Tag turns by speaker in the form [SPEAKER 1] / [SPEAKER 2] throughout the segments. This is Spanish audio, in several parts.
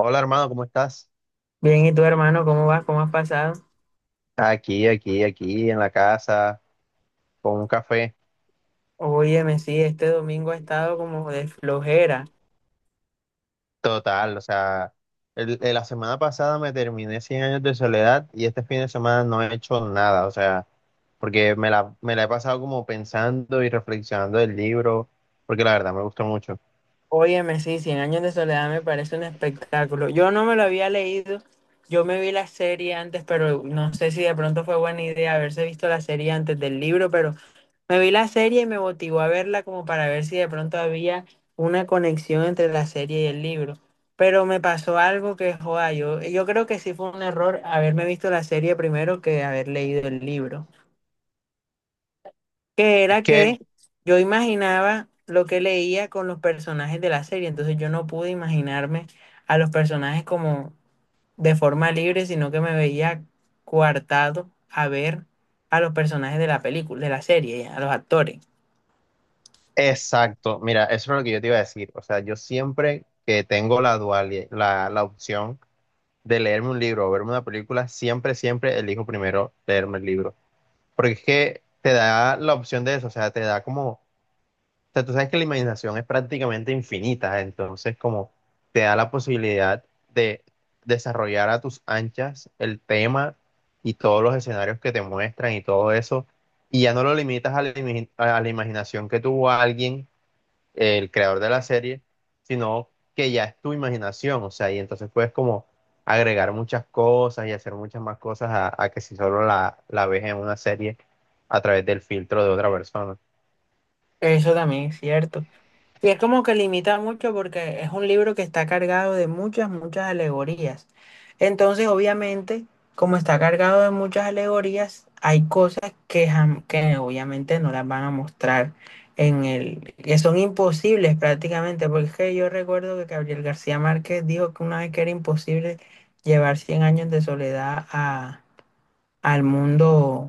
[SPEAKER 1] Hola hermano, ¿cómo estás?
[SPEAKER 2] Bien, ¿y tú, hermano, cómo vas? ¿Cómo has pasado?
[SPEAKER 1] Aquí en la casa, con un café.
[SPEAKER 2] Óyeme, sí, este domingo ha estado como de flojera.
[SPEAKER 1] Total, o sea, la semana pasada me terminé Cien años de soledad y este fin de semana no he hecho nada, o sea, porque me la he pasado como pensando y reflexionando del libro, porque la verdad me gustó mucho.
[SPEAKER 2] Óyeme, sí, Cien años de soledad me parece un espectáculo. Yo no me lo había leído, yo me vi la serie antes, pero no sé si de pronto fue buena idea haberse visto la serie antes del libro, pero me vi la serie y me motivó a verla como para ver si de pronto había una conexión entre la serie y el libro. Pero me pasó algo que, joda, yo creo que sí fue un error haberme visto la serie primero que haber leído el libro, que
[SPEAKER 1] Es
[SPEAKER 2] era
[SPEAKER 1] que,
[SPEAKER 2] que yo imaginaba lo que leía con los personajes de la serie. Entonces yo no pude imaginarme a los personajes como de forma libre, sino que me veía coartado a ver a los personajes de la película, de la serie, a los actores.
[SPEAKER 1] exacto, mira, eso es lo que yo te iba a decir, o sea, yo siempre que tengo la dualidad, la opción de leerme un libro o verme una película, siempre, siempre elijo primero leerme el libro. Porque es que te da la opción de eso, o sea, te da como, o sea, tú sabes que la imaginación es prácticamente infinita, entonces como te da la posibilidad de desarrollar a tus anchas el tema y todos los escenarios que te muestran y todo eso, y ya no lo limitas a a la imaginación que tuvo alguien, el creador de la serie, sino que ya es tu imaginación, o sea, y entonces puedes como agregar muchas cosas y hacer muchas más cosas a que si solo la ves en una serie a través del filtro de otra persona.
[SPEAKER 2] Eso también es cierto. Y es como que limita mucho porque es un libro que está cargado de muchas, muchas alegorías. Entonces, obviamente, como está cargado de muchas alegorías, hay cosas que, que obviamente no las van a mostrar en el, que son imposibles prácticamente, porque es que yo recuerdo que Gabriel García Márquez dijo que una vez que era imposible llevar cien años de soledad a, al mundo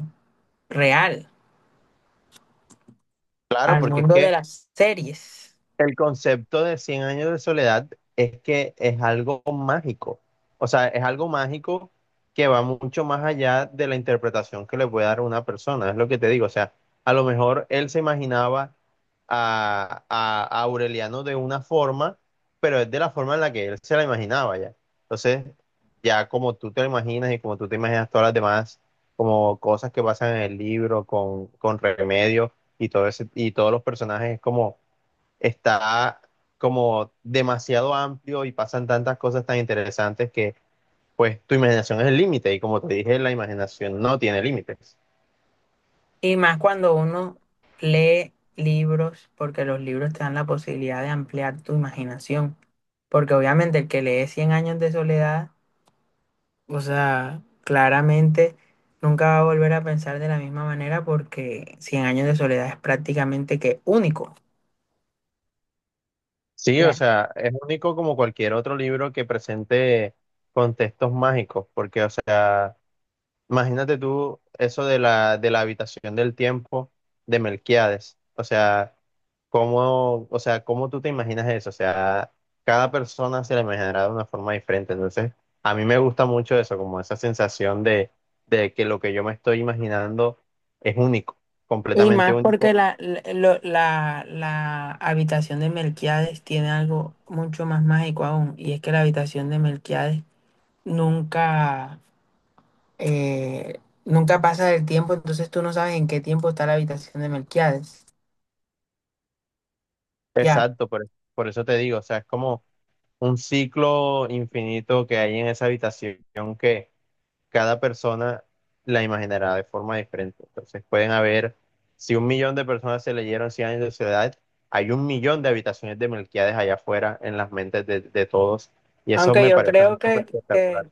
[SPEAKER 2] real,
[SPEAKER 1] Claro,
[SPEAKER 2] al
[SPEAKER 1] porque es
[SPEAKER 2] mundo
[SPEAKER 1] que
[SPEAKER 2] de las series.
[SPEAKER 1] el concepto de Cien años de soledad es que es algo mágico, o sea, es algo mágico que va mucho más allá de la interpretación que le puede dar una persona, es lo que te digo, o sea, a lo mejor él se imaginaba a Aureliano de una forma, pero es de la forma en la que él se la imaginaba ya. Entonces, ya como tú te lo imaginas y como tú te imaginas todas las demás, como cosas que pasan en el libro con Remedio y todo ese, y todos los personajes, es como está como demasiado amplio y pasan tantas cosas tan interesantes que pues tu imaginación es el límite y como te dije, la imaginación no tiene límites.
[SPEAKER 2] Y más cuando uno lee libros, porque los libros te dan la posibilidad de ampliar tu imaginación. Porque obviamente el que lee cien años de soledad, o sea, claramente nunca va a volver a pensar de la misma manera porque cien años de soledad es prácticamente que único.
[SPEAKER 1] Sí, o
[SPEAKER 2] Claro.
[SPEAKER 1] sea, es único como cualquier otro libro que presente contextos mágicos, porque o sea, imagínate tú eso de de la habitación del tiempo de Melquíades. O sea, cómo tú te imaginas eso? O sea, cada persona se la imaginará de una forma diferente. Entonces, a mí me gusta mucho eso, como esa sensación de que lo que yo me estoy imaginando es único,
[SPEAKER 2] Y
[SPEAKER 1] completamente
[SPEAKER 2] más
[SPEAKER 1] único.
[SPEAKER 2] porque la habitación de Melquiades tiene algo mucho más mágico aún, y es que la habitación de Melquiades nunca eh, nunca pasa el tiempo, entonces tú no sabes en qué tiempo está la habitación de Melquiades. Ya.
[SPEAKER 1] Exacto, por eso te digo, o sea, es como un ciclo infinito que hay en esa habitación que cada persona la imaginará de forma diferente. Entonces pueden haber, si un millón de personas se leyeron Cien años de soledad, hay un millón de habitaciones de Melquíades allá afuera en las mentes de todos. Y eso
[SPEAKER 2] Aunque
[SPEAKER 1] me
[SPEAKER 2] yo
[SPEAKER 1] parece a mí
[SPEAKER 2] creo
[SPEAKER 1] súper
[SPEAKER 2] que,
[SPEAKER 1] espectacular.
[SPEAKER 2] que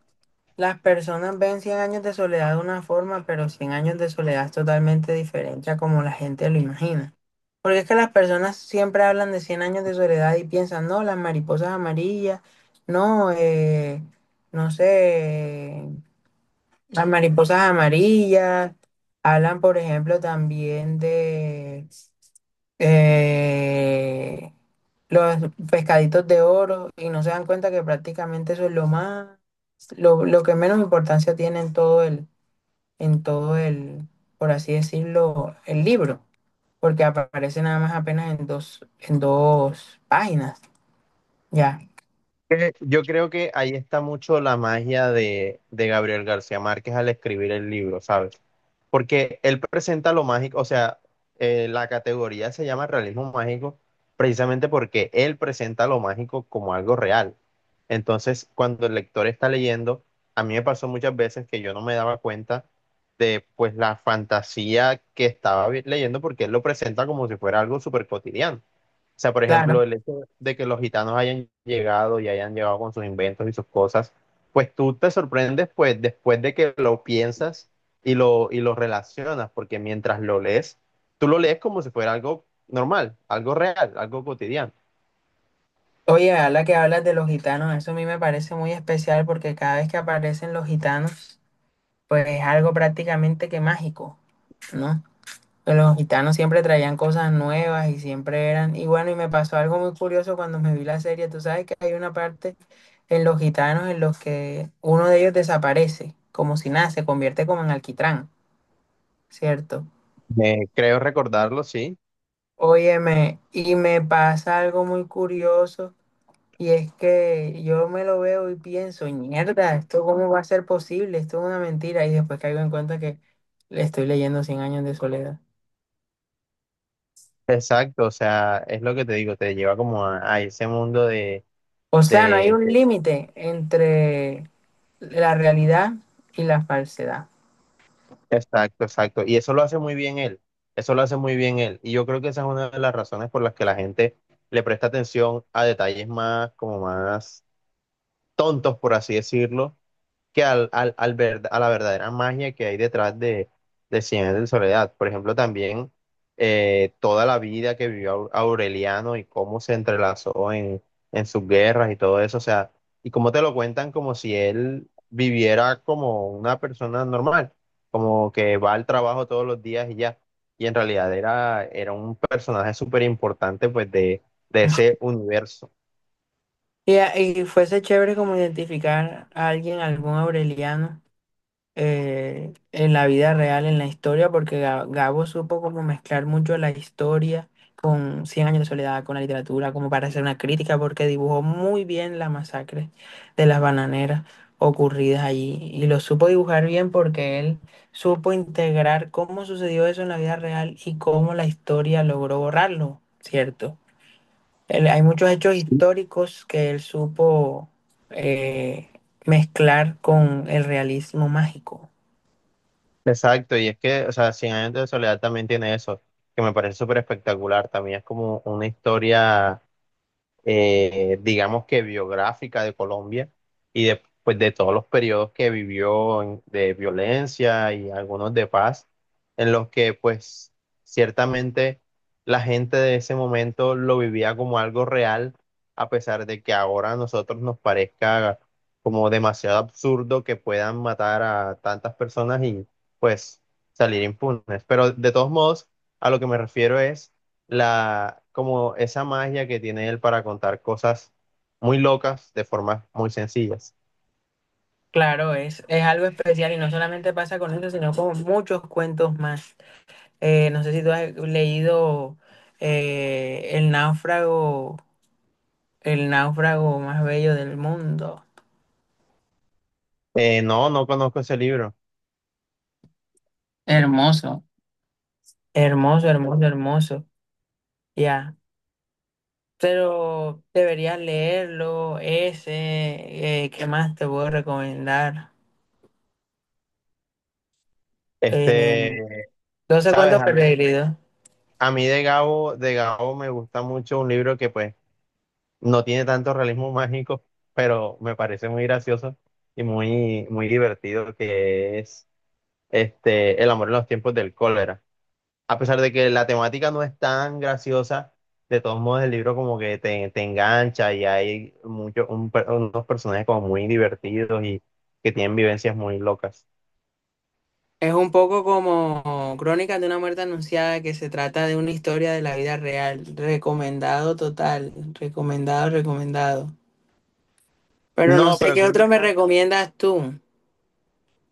[SPEAKER 2] las personas ven cien años de soledad de una forma, pero cien años de soledad es totalmente diferente a como la gente lo imagina. Porque es que las personas siempre hablan de cien años de soledad y piensan, no, las mariposas amarillas, no, no sé. Las mariposas amarillas, hablan, por ejemplo, también de eh, los pescaditos de oro y no se dan cuenta que prácticamente eso es lo más, lo que menos importancia tiene en todo el, por así decirlo, el libro, porque aparece nada más apenas en dos páginas, ya,
[SPEAKER 1] Que yo creo que ahí está mucho la magia de Gabriel García Márquez al escribir el libro, ¿sabes? Porque él presenta lo mágico, o sea, la categoría se llama realismo mágico precisamente porque él presenta lo mágico como algo real. Entonces, cuando el lector está leyendo, a mí me pasó muchas veces que yo no me daba cuenta de pues la fantasía que estaba leyendo porque él lo presenta como si fuera algo súper cotidiano. O sea, por ejemplo,
[SPEAKER 2] claro.
[SPEAKER 1] el hecho de que los gitanos hayan llegado y hayan llegado con sus inventos y sus cosas, pues tú te sorprendes pues después de que lo piensas y lo relacionas, porque mientras lo lees, tú lo lees como si fuera algo normal, algo real, algo cotidiano.
[SPEAKER 2] Oye, a la que hablas de los gitanos, eso a mí me parece muy especial porque cada vez que aparecen los gitanos, pues es algo prácticamente que mágico, ¿no? Los gitanos siempre traían cosas nuevas y siempre eran, y bueno, y me pasó algo muy curioso cuando me vi la serie. Tú sabes que hay una parte en los gitanos en los que uno de ellos desaparece, como si nada, se convierte como en alquitrán, ¿cierto?
[SPEAKER 1] Creo recordarlo, sí.
[SPEAKER 2] Óyeme, y me pasa algo muy curioso, y es que yo me lo veo y pienso, mierda, ¿esto cómo va a ser posible? Esto es una mentira, y después caigo en cuenta que le estoy leyendo Cien años de soledad.
[SPEAKER 1] Exacto, o sea, es lo que te digo, te lleva como a ese mundo de.
[SPEAKER 2] O sea, no hay un límite entre la realidad y la falsedad.
[SPEAKER 1] Exacto, exacto. Y eso lo hace muy bien él. Eso lo hace muy bien él. Y yo creo que esa es una de las razones por las que la gente le presta atención a detalles más, como más tontos, por así decirlo, que a la verdadera magia que hay detrás de Cien años de soledad. Por ejemplo, también toda la vida que vivió Aureliano y cómo se entrelazó en sus guerras y todo eso, o sea, y cómo te lo cuentan como si él viviera como una persona normal, como que va al trabajo todos los días y ya. Y en realidad era un personaje súper importante pues de ese universo.
[SPEAKER 2] Y fuese chévere como identificar a alguien, algún aureliano, en la vida real, en la historia, porque Gabo supo como mezclar mucho la historia con Cien años de soledad, con la literatura, como para hacer una crítica, porque dibujó muy bien la masacre de las bananeras ocurridas allí. Y lo supo dibujar bien porque él supo integrar cómo sucedió eso en la vida real y cómo la historia logró borrarlo, ¿cierto? Hay muchos hechos históricos que él supo eh, mezclar con el realismo mágico.
[SPEAKER 1] Exacto, y es que, o sea, Cien años de soledad también tiene eso, que me parece súper espectacular, también es como una historia digamos que biográfica de Colombia y después de todos los periodos que vivió de violencia y algunos de paz, en los que pues ciertamente la gente de ese momento lo vivía como algo real, a pesar de que ahora a nosotros nos parezca como demasiado absurdo que puedan matar a tantas personas y pues salir impunes. Pero de todos modos, a lo que me refiero es la, como esa magia que tiene él para contar cosas muy locas de formas muy sencillas.
[SPEAKER 2] Claro, es algo especial y no solamente pasa con eso, sino con muchos cuentos más. No sé si tú has leído eh, El náufrago, El náufrago más bello del mundo.
[SPEAKER 1] No, no conozco ese libro.
[SPEAKER 2] Hermoso. Hermoso, hermoso, hermoso. Ya. Pero deberías leerlo, ese, ¿qué más te puedo recomendar? Eh,
[SPEAKER 1] Este,
[SPEAKER 2] 12
[SPEAKER 1] sabes,
[SPEAKER 2] cuentos perdidos.
[SPEAKER 1] a mí de Gabo me gusta mucho un libro que pues no tiene tanto realismo mágico, pero me parece muy gracioso y muy, muy divertido, que es este, El amor en los tiempos del cólera. A pesar de que la temática no es tan graciosa, de todos modos el libro como que te engancha y hay muchos unos personajes como muy divertidos y que tienen vivencias muy locas.
[SPEAKER 2] Es un poco como Crónicas de una muerte anunciada que se trata de una historia de la vida real. Recomendado total, recomendado, recomendado. Pero no
[SPEAKER 1] No,
[SPEAKER 2] sé
[SPEAKER 1] pero
[SPEAKER 2] qué otro me recomiendas tú.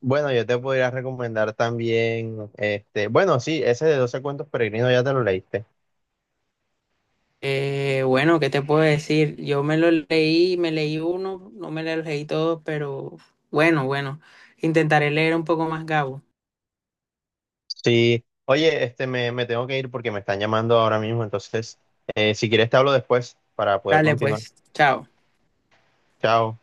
[SPEAKER 1] bueno, yo te podría recomendar también, este, bueno, sí, ese de Doce cuentos peregrinos ya te lo leíste.
[SPEAKER 2] Bueno, ¿qué te puedo decir? Yo me lo leí, me leí uno, no me lo leí todo, pero bueno, bueno, intentaré leer un poco más, Gabo.
[SPEAKER 1] Sí, oye, este, me tengo que ir porque me están llamando ahora mismo, entonces, si quieres te hablo después para poder
[SPEAKER 2] Dale,
[SPEAKER 1] continuar.
[SPEAKER 2] pues, chao.
[SPEAKER 1] Chao.